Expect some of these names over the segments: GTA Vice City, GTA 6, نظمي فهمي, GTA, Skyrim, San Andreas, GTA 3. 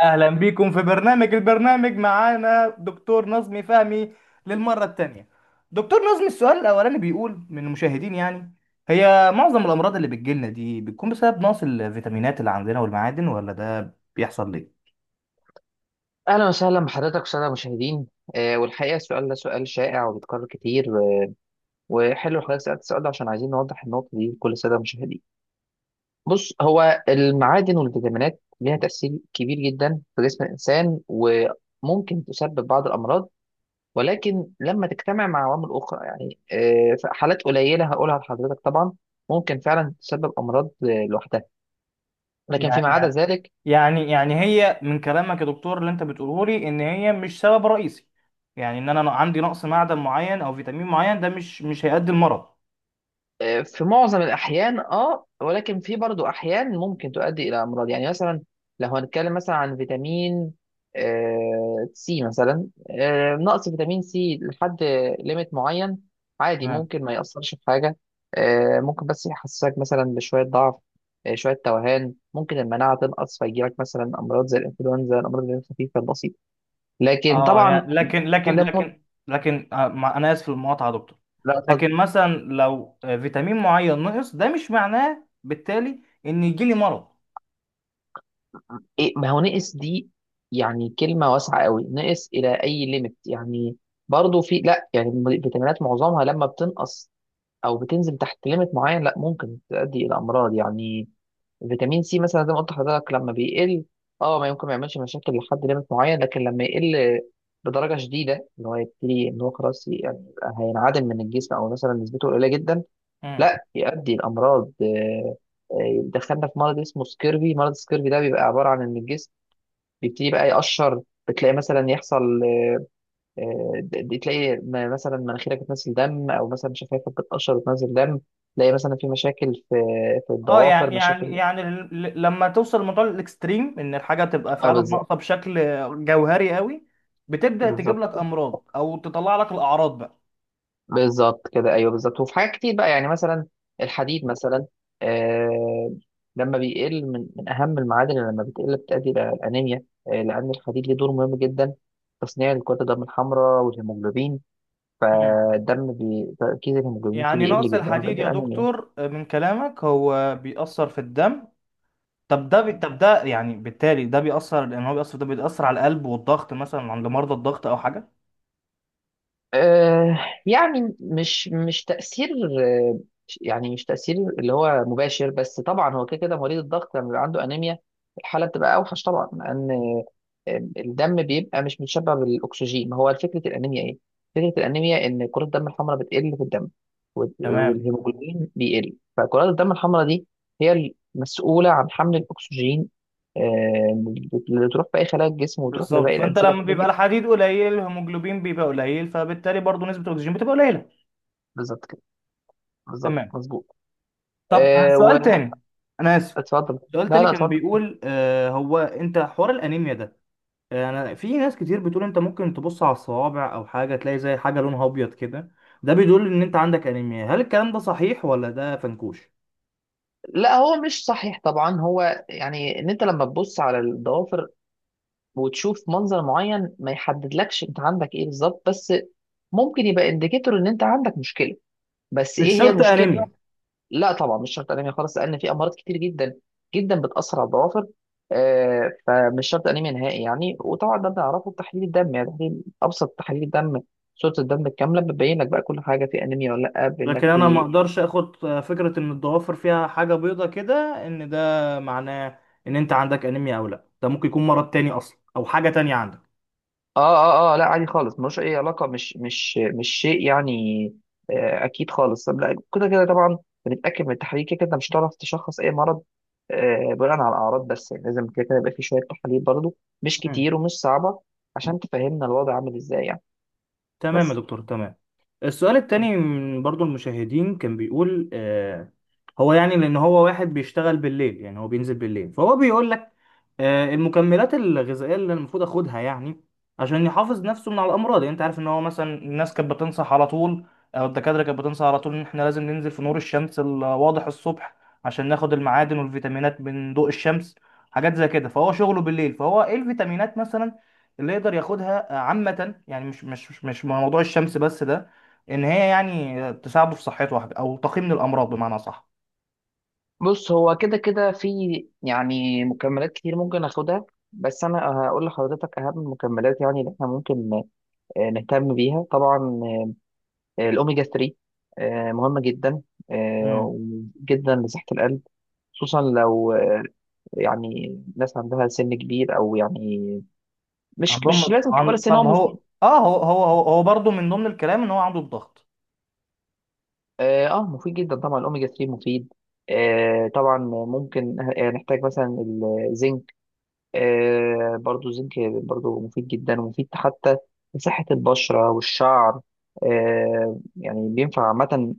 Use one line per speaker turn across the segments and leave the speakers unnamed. اهلا بيكم في البرنامج معانا دكتور نظمي فهمي للمره الثانيه. دكتور نظمي، السؤال الاولاني بيقول من المشاهدين، يعني هي معظم الامراض اللي بتجيلنا دي بتكون بسبب نقص الفيتامينات اللي عندنا والمعادن، ولا ده بيحصل ليه؟
اهلا وسهلا بحضرتك، الساده المشاهدين. والحقيقه السؤال ده سؤال شائع وبيتكرر كتير. وحلو حضرتك سالت السؤال ده، عشان عايزين نوضح النقطه دي لكل الساده المشاهدين. بص، هو المعادن والفيتامينات ليها تاثير كبير جدا في جسم الانسان، وممكن تسبب بعض الامراض، ولكن لما تجتمع مع عوامل اخرى، يعني في حالات قليله هقولها لحضرتك طبعا، ممكن فعلا تسبب امراض لوحدها. لكن
يعني
فيما عدا
يعني
ذلك،
يعني هي من كلامك يا دكتور اللي انت بتقوله لي ان هي مش سبب رئيسي. يعني ان انا عندي نقص معدن معين او فيتامين معين، ده مش هيؤدي المرض.
في معظم الأحيان. اه ولكن في برضو أحيان ممكن تؤدي إلى أمراض، يعني مثلا لو هنتكلم مثلا عن فيتامين سي مثلا. نقص فيتامين سي لحد ليميت معين عادي، ممكن ما يأثرش في حاجة. ممكن بس يحسسك مثلا بشوية ضعف، شوية توهان، ممكن المناعة تنقص فيجيلك مثلا أمراض زي الإنفلونزا، الأمراض اللي هي الخفيفة البسيطة. لكن
اه،
طبعا
يعني لكن لكن
خلينا مت...
لكن لكن انا اسف في المقاطعه يا دكتور.
لا، اتفضل.
لكن مثلا لو فيتامين معين نقص، ده مش معناه بالتالي ان يجي لي مرض.
إيه، ما هو نقص دي يعني كلمة واسعة قوي، نقص إلى أي ليميت يعني. برضه في، لا يعني الفيتامينات معظمها لما بتنقص أو بتنزل تحت ليميت معين، لا، ممكن تؤدي إلى أمراض يعني. فيتامين سي مثلا زي ما قلت لحضرتك لما بيقل، اه ما يمكن ما يعملش مشاكل لحد ليميت معين، لكن لما يقل بدرجة شديدة، اللي هو يبتدي إن هو خلاص يعني هينعدم من الجسم، أو مثلا نسبته قليلة جدا،
مم.
لا، يؤدي لأمراض. دخلنا في مرض اسمه سكيرفي. مرض سكيرفي ده بيبقى عبارة عن إن الجسم بيبتدي بقى يقشر. بتلاقي مثلا يحصل، تلاقي مثلا مناخيرك بتنزل دم، او مثلا شفايفك بتقشر وتنزل دم. تلاقي مثلا في مشاكل في
اه،
الضوافر، مشاكل.
لما توصل لموضوع الاكستريم ان الحاجه تبقى
اه
فعلا
بالظبط.
ناقصه بشكل جوهري قوي، بتبدا تجيب
بالظبط.
لك امراض او تطلع لك الاعراض بقى.
بالظبط كده، ايوه، بالظبط. وفي حاجات كتير بقى، يعني مثلا الحديد مثلا. آه لما بيقل، من اهم المعادن اللي لما بتقل بتؤدي الى الانيميا، لان الحديد ليه دور مهم جدا في تصنيع الكرات الدم الحمراء والهيموجلوبين.
مم.
فالدم تركيز الهيموجلوبين فيه
يعني
بيقل
نقص
جدا،
الحديد
وبيؤدي
يا
الانيميا.
دكتور، من كلامك هو بيأثر في الدم. طب، ده يعني بالتالي ده بيأثر، لأن هو بيأثر، ده بيأثر على القلب والضغط، مثلا عند مرضى الضغط أو حاجة.
آه، يعني مش تأثير، آه، يعني مش تأثير اللي هو مباشر، بس طبعا هو كده كده مريض الضغط لما بيبقى عنده أنيميا الحالة بتبقى أوحش طبعا، لأن الدم بيبقى مش متشبع بالأكسجين. ما هو فكرة الأنيميا إيه؟ فكرة الأنيميا إن كرات الدم الحمراء بتقل في الدم، وال-
تمام.
والهيموجلوبين بيقل، فكرات الدم الحمراء دي هي المسؤولة عن حمل الأكسجين، آه، اللي تروح في أي خلايا الجسم وتروح
بالظبط،
لباقي
فأنت
الأنسجة
لما
بتاعت
بيبقى
الجسم.
الحديد قليل، الهيموجلوبين بيبقى قليل، فبالتالي برضه نسبة الأكسجين بتبقى قليلة.
بالظبط كده. بالظبط،
تمام.
مظبوط.
طب،
ااا
سؤال تاني، أنا آسف،
وأتفضل.
سؤال
لا،
تاني
لا،
كان
أتفضل.
بيقول، هو، أنت حوار الأنيميا ده، أنا، في ناس كتير بتقول أنت ممكن تبص على الصوابع أو حاجة، تلاقي زي حاجة لونها أبيض كده، ده بيدل إن أنت عندك أنيميا، هل الكلام ده صحيح ولا ده فنكوش؟
لا، هو مش صحيح طبعا. هو يعني ان أنت لما ببص على الدوافر وتشوف منظر معين، ما يحدد لكش أنت عندك إيه بالضبط، بس ممكن يبقى إنديكتور إن أنت عندك مشكلة. بس إيه
مش
هي
شرط
المشكلة بقى؟
أنيميا.
لا طبعا مش شرط أنني خلاص، سألنا فيه أمراض كتير جدا جدا بتأثر الدوافر، فمش شرط أنني منهي يعني. وطبعا ده نعرفه بالتحليل دم، يعني تحلي، أبسط تحليل دم، صورة دمك كاملة، ببين لك بقى كل حاجة، في أنمي ولا لأ، بأنك
لكن انا ما
في.
اقدرش اخد فكره ان الضوافر فيها حاجه بيضه كده، ان ده معناه ان انت عندك انيميا او لا، ده ممكن يكون مرض تاني اصلا او حاجه تانية عندك.
اه، اه، اه، لا، عادي خالص، ملوش اي علاقه، مش شيء يعني. اكيد خالص. طب لا، كده كده طبعا بنتاكد من التحاليل، كده كده مش هتعرف تشخص اي مرض بناء على الاعراض بس يعني، لازم كده كده يبقى في شويه تحاليل برضو، مش
مم.
كتير ومش صعبه، عشان تفهمنا الوضع عامل ازاي يعني.
تمام يا
بس.
دكتور، تمام. السؤال التاني من برضو المشاهدين كان بيقول، هو، يعني لأن هو واحد بيشتغل بالليل، يعني هو بينزل بالليل، فهو بيقول لك المكملات الغذائية اللي المفروض أخدها، يعني عشان يحافظ نفسه من على الأمراض، يعني أنت عارف إن هو مثلا الناس كانت بتنصح على طول، أو الدكاترة كانت بتنصح على طول إن إحنا لازم ننزل في نور الشمس الواضح الصبح، عشان ناخد المعادن والفيتامينات من ضوء الشمس، حاجات زي كده، فهو شغله بالليل، فهو إيه الفيتامينات مثلا اللي يقدر ياخدها عامة، يعني مش موضوع الشمس بس، ده ان هي يعني تساعده في صحته واحدة، او تقي من الامراض بمعنى صح.
بص، هو كده كده في يعني مكملات كتير ممكن اخدها، بس انا هقول لحضرتك اهم المكملات، يعني اللي احنا ممكن نهتم بيها طبعا. الأوميجا 3 مهمة جدا،
امم
آه، جدا لصحة القلب، خصوصا لو يعني ناس عندها سن كبير، أو يعني مش لازم كبار السن، هو
طب، هو
مفيد.
اه هو هو هو, هو برضه من ضمن الكلام ان هو عنده الضغط.
اه، مفيد جدا طبعا، الأوميجا 3 مفيد، طبعا. ممكن نحتاج مثلا الزنك. برضو الزنك برضو مفيد جدا، ومفيد حتى لصحة البشرة والشعر. يعني بينفع عامة، إن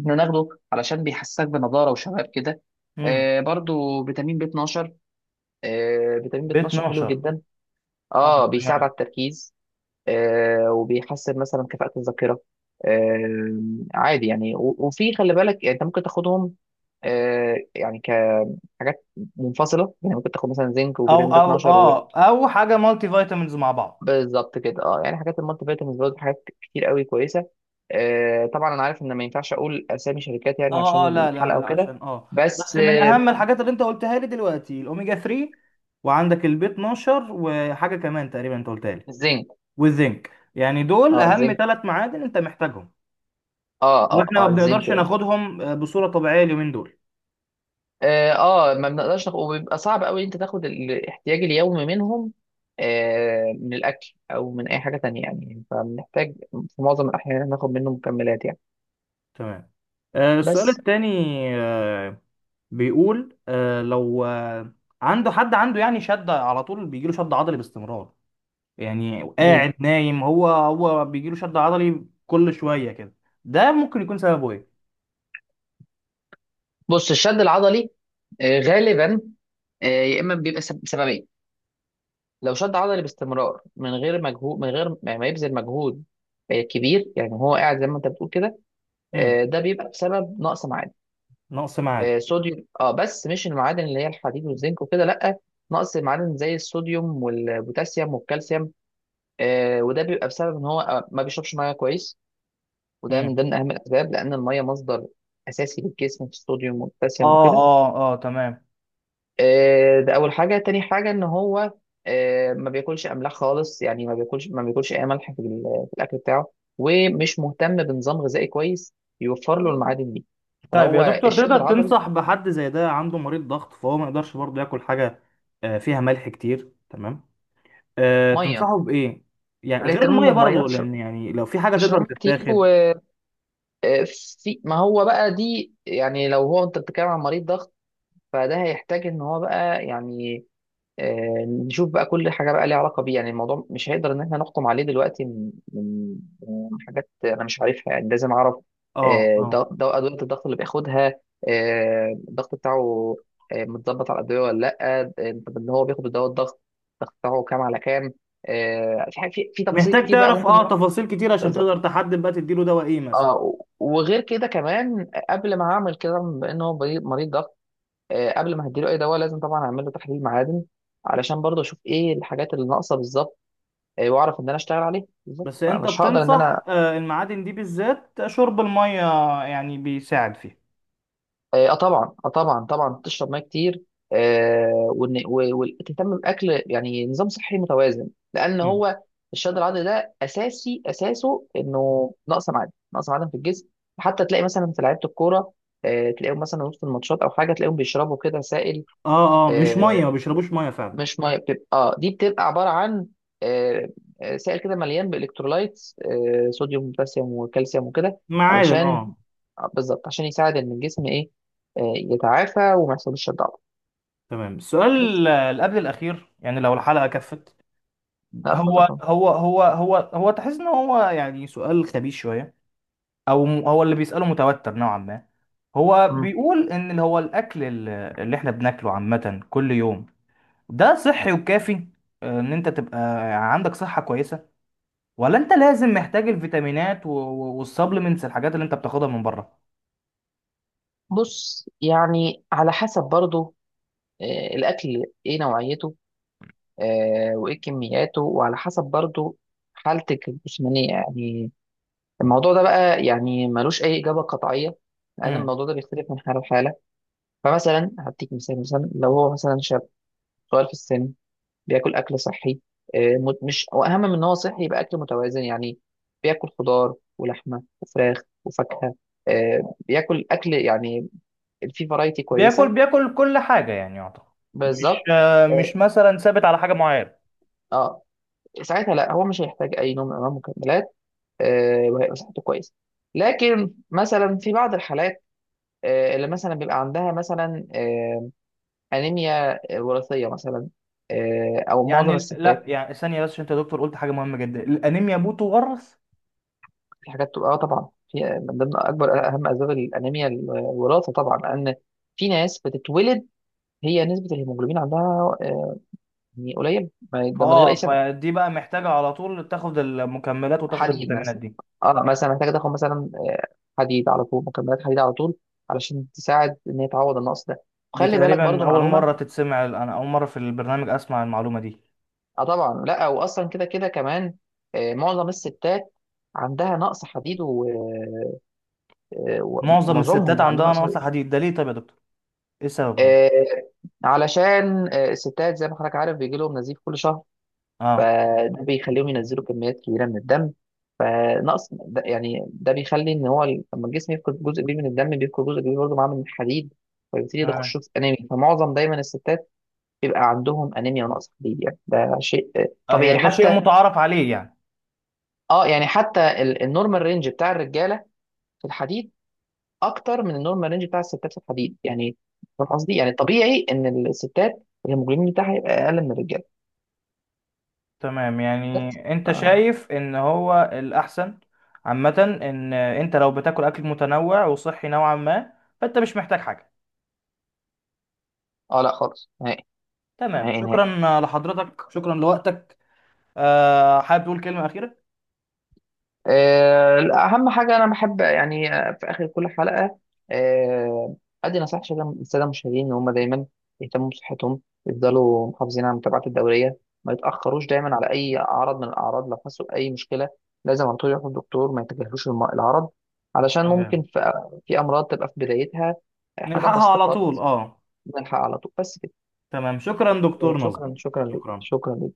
إحنا ناخده علشان بيحسسك بنضارة وشباب كده.
امم
برضو فيتامين بي 12. فيتامين بي
ب
12 حلو
12.
جدا،
اه،
اه بيساعد
تمام.
على التركيز، وبيحسن مثلا كفاءة الذاكرة. آه، عادي يعني. و- وفي، خلي بالك، يعني انت ممكن تاخدهم يعني كحاجات منفصلة، يعني ممكن تاخد مثلا زنك
او
وفيتامين بي
او
12.
اه او حاجة مالتي فيتامينز مع بعض.
بالظبط كده. اه، يعني حاجات المالتي فيتامينز برضه حاجات كتير قوي كويسه. طبعا انا عارف ان ما ينفعش اقول اسامي شركات، يعني
اه، اه،
عشان
لا، لا،
الحلقه
لا،
وكده.
عشان اه.
بس،
بس من اهم الحاجات اللي انت قلتها لي دلوقتي الاوميجا 3، وعندك البي 12، وحاجة كمان تقريبا انت قلتها لي،
الزنك.
والزنك، يعني دول
اه،
اهم
الزنك.
3 معادن انت محتاجهم.
اه، اه،
واحنا ما
اه، الزنك
بنقدرش
يعني.
ناخدهم بصورة طبيعية اليومين دول.
اه، اه، ما بنقدرش ناخد، وبيبقى صعب قوي انت تاخد الاحتياج اليومي منهم، من الاكل او من اي حاجه تانية يعني، فبنحتاج في معظم الاحيان إن إحنا ناخد منه مكملات يعني.
تمام. السؤال
بس.
الثاني بيقول، لو عنده حد، عنده يعني شد على طول، بيجيله شد عضلي باستمرار، يعني
مم.
قاعد نايم، هو بيجيله شد عضلي كل شوية كده، ده ممكن يكون سببه ايه؟
بص، الشد العضلي غالبا يا اما بيبقى بسببين. لو شد عضلي باستمرار من غير مجهود، من غير ما يبذل مجهود كبير، يعني هو قاعد زي ما انت بتقول كده،
مم.
ده بيبقى بسبب نقص معادن،
نقص معادن.
صوديوم، اه، بس مش المعادن اللي هي الحديد والزنك وكده، لا، نقص معادن زي الصوديوم والبوتاسيوم والكالسيوم. وده بيبقى بسبب ان هو ما بيشربش ميه كويس، وده من
مم.
ضمن اهم الاسباب، لان الميه مصدر اساسي للجسم في الصوديوم والبوتاسيوم
اه،
وكده.
اه، اه، تمام.
ده اول حاجه. تاني حاجه، ان هو ما بياكلش املاح خالص، يعني ما بياكلش اي ملح في في الاكل بتاعه، ومش مهتم بنظام غذائي كويس يوفر له المعادن دي،
طيب يا
فهو
دكتور،
الشد
تقدر
العضلي.
تنصح بحد زي ده عنده مريض ضغط، فهو ما يقدرش برضه ياكل حاجة فيها ملح كتير، تمام.
ميه،
تنصحه بإيه، يعني غير
الاهتمام
المية؟
بالميه،
برضه
اشرب
لأن يعني لو في حاجة تقدر
اشرب كتير.
تتاخد.
وفي، ما هو بقى دي، يعني لو هو انت بتتكلم عن مريض ضغط، فده هيحتاج ان هو بقى يعني نشوف بقى كل حاجه بقى ليها علاقه بيه، يعني الموضوع مش هيقدر ان احنا نحكم عليه دلوقتي من حاجات انا مش عارفها، يعني لازم اعرف
اه، اه،
ادويه الضغط اللي بياخدها، الضغط بتاعه متظبط على الادويه ولا لا، طب ان هو بياخد دواء الضغط، الضغط بتاعه كام على كام؟ في في تفاصيل
محتاج
كتير بقى،
تعرف
ممكن نروح.
تفاصيل كتير عشان
بالظبط،
تقدر تحدد بقى تديله دواء ايه مثلا.
اه، وغير كده كمان قبل ما اعمل كده، بما ان هو مريض، مريض ضغط، قبل ما هديله اي دواء لازم طبعا اعمل له تحليل معادن، علشان برضه اشوف ايه الحاجات اللي ناقصه بالظبط، واعرف ان انا اشتغل عليها بالظبط،
بس انت
فمش هقدر ان انا،
بتنصح المعادن دي بالذات، شرب المية يعني بيساعد فيها.
اه، طبعا، اه، طبعا، طبعا، تشرب ميه كتير، آه، وإن- و- وتهتم باكل، يعني نظام صحي متوازن، لان
مم.
هو الشد العضلي ده اساسي، اساسه انه نقص معادن، نقص معادن في الجسم. حتى تلاقي مثلا في لعيبه الكوره، تلاقيهم مثلا وسط الماتشات او حاجه، تلاقيهم بيشربوا كده سائل،
اه، اه، مش
آه،
مية، ما بيشربوش مية فعلا.
مش ميه، بتبقى، اه، دي بتبقى عباره عن آه، سائل كده مليان بالكترولايتس، صوديوم وبوتاسيوم وكالسيوم وكده،
معادن،
علشان
اه.
بالظبط عشان يساعد ان الجسم ايه، يتعافى وما يحصلش الضعف.
تمام.
بس.
السؤال اللي قبل الأخير، يعني لو الحلقة كفت،
لا،
هو
اتفضل طبعا.
هو هو هو هو تحس ان هو يعني سؤال خبيث شويه، او هو اللي بيساله متوتر نوعا ما. هو
مم.
بيقول ان اللي هو الاكل ال- اللي احنا بناكله عامه كل يوم، ده صحي وكافي، ان انت تبقى عندك صحه كويسه، ولا انت لازم محتاج الفيتامينات والسبلمنتس، الحاجات اللي انت بتاخدها من بره؟
بص، يعني على حسب برضو الاكل ايه نوعيته وايه كمياته، وعلى حسب برضو حالتك الجسمانيه يعني. الموضوع ده بقى يعني ملوش اي اجابه قطعيه، لان
امم
الموضوع ده بيختلف من حاله لحاله. فمثلا هديك مثال، مثلا لو هو مثلا شاب صغير في السن، بياكل اكل صحي، مش واهم من ان هو صحي يبقى اكل متوازن، يعني بياكل خضار ولحمه وفراخ وفاكهه، بياكل اكل يعني فيه فرايتي
بياكل
كويسه.
بياكل كل حاجه، يعني يعتبر. مش
بالظبط. اه،
مش مثلا ثابت على حاجه معينه.
آه، ساعتها لا، هو مش هيحتاج اي نوع من انواع المكملات، وهيبقى صحته كويسه. لكن مثلا في بعض الحالات اللي مثلا بيبقى عندها مثلا انيميا وراثيه مثلا، او معظم
يعني لا،
الستات،
يعني ثانيه بس، عشان انت يا دكتور قلت حاجه مهمه جدا، الانيميا بتورث.
في حاجات تبقى، اه طبعا، في من ضمن اكبر، اهم اسباب الانيميا الوراثه طبعا، لان في ناس بتتولد هي نسبه الهيموجلوبين عندها يعني قليله، ده من غير اي
اه،
سبب.
فدي بقى محتاجة على طول تاخد المكملات وتاخد
حديد
الفيتامينات
مثلا،
دي.
اه مثلا محتاجه تاخد مثلا حديد على طول، مكملات حديد على طول، علشان تساعد ان هي تعوض النقص ده،
دي
وخلي بالك
تقريبا
برضو
أول مرة
معلومه.
تتسمع، أنا أول مرة في البرنامج أسمع المعلومة دي.
اه طبعا، لا، واصلا كده كده كمان معظم الستات عندها نقص حديد،
معظم
ومعظمهم
الستات
يعني عندهم
عندها
نقص،
نقص حديد، ده ليه طيب يا دكتور؟ إيه السبب يعني؟
آه، علشان الستات، زي ما حضرتك عارف، بيجي لهم نزيف كل شهر،
اه،
فده بيخليهم ينزلوا كميات كبيره من الدم، فنقص ده يعني، ده بيخلي ان هو لما الجسم يفقد جزء كبير من الدم، بيفقد جزء كبير برضه معاه من الحديد، فبيبتدي ده
تمام.
خشوع انيمي. فمعظم دايما الستات بيبقى عندهم انيميا ونقص حديد، يعني ده شيء
آه،
طبيعي يعني،
يعني ده شيء
حتى،
متعارف عليه يعني.
اه يعني حتى النورمال رينج بتاع الرجاله في الحديد اكتر من النورمال رينج بتاع الستات في الحديد، يعني فاهم قصدي؟ يعني طبيعي ان الستات الهيموجلوبين بتاعها يبقى اقل من الرجاله.
تمام، يعني
بس، ف...
أنت شايف إن هو الأحسن عامة، إن أنت لو بتاكل أكل متنوع وصحي نوعا ما، فأنت مش محتاج حاجة.
اه، لا، خالص، نهائي،
تمام،
نهائي، نهائي.
شكرا لحضرتك، شكرا لوقتك. آه، حابب تقول كلمة أخيرة؟
لا، اهم حاجه انا بحب، يعني في اخر كل حلقه آه، ادي نصيحه للساده، للسادة المشاهدين، ان هم دايما يهتموا بصحتهم، يفضلوا محافظين على متابعه الدوريه، ما يتاخروش دايما على اي عرض من الاعراض، لو حسوا باي مشكله لازم على طول يروحوا للدكتور، ما يتجاهلوش العرض، علشان ممكن
تمام.
في امراض تبقى في بدايتها، حاجات
نلحقها
بسيطه
على طول،
خالص،
اه.
نلحق على طول، بس كده.
تمام، شكرا دكتور نظم،
شكرا، شكرا ليك،
شكرا.
شكرا.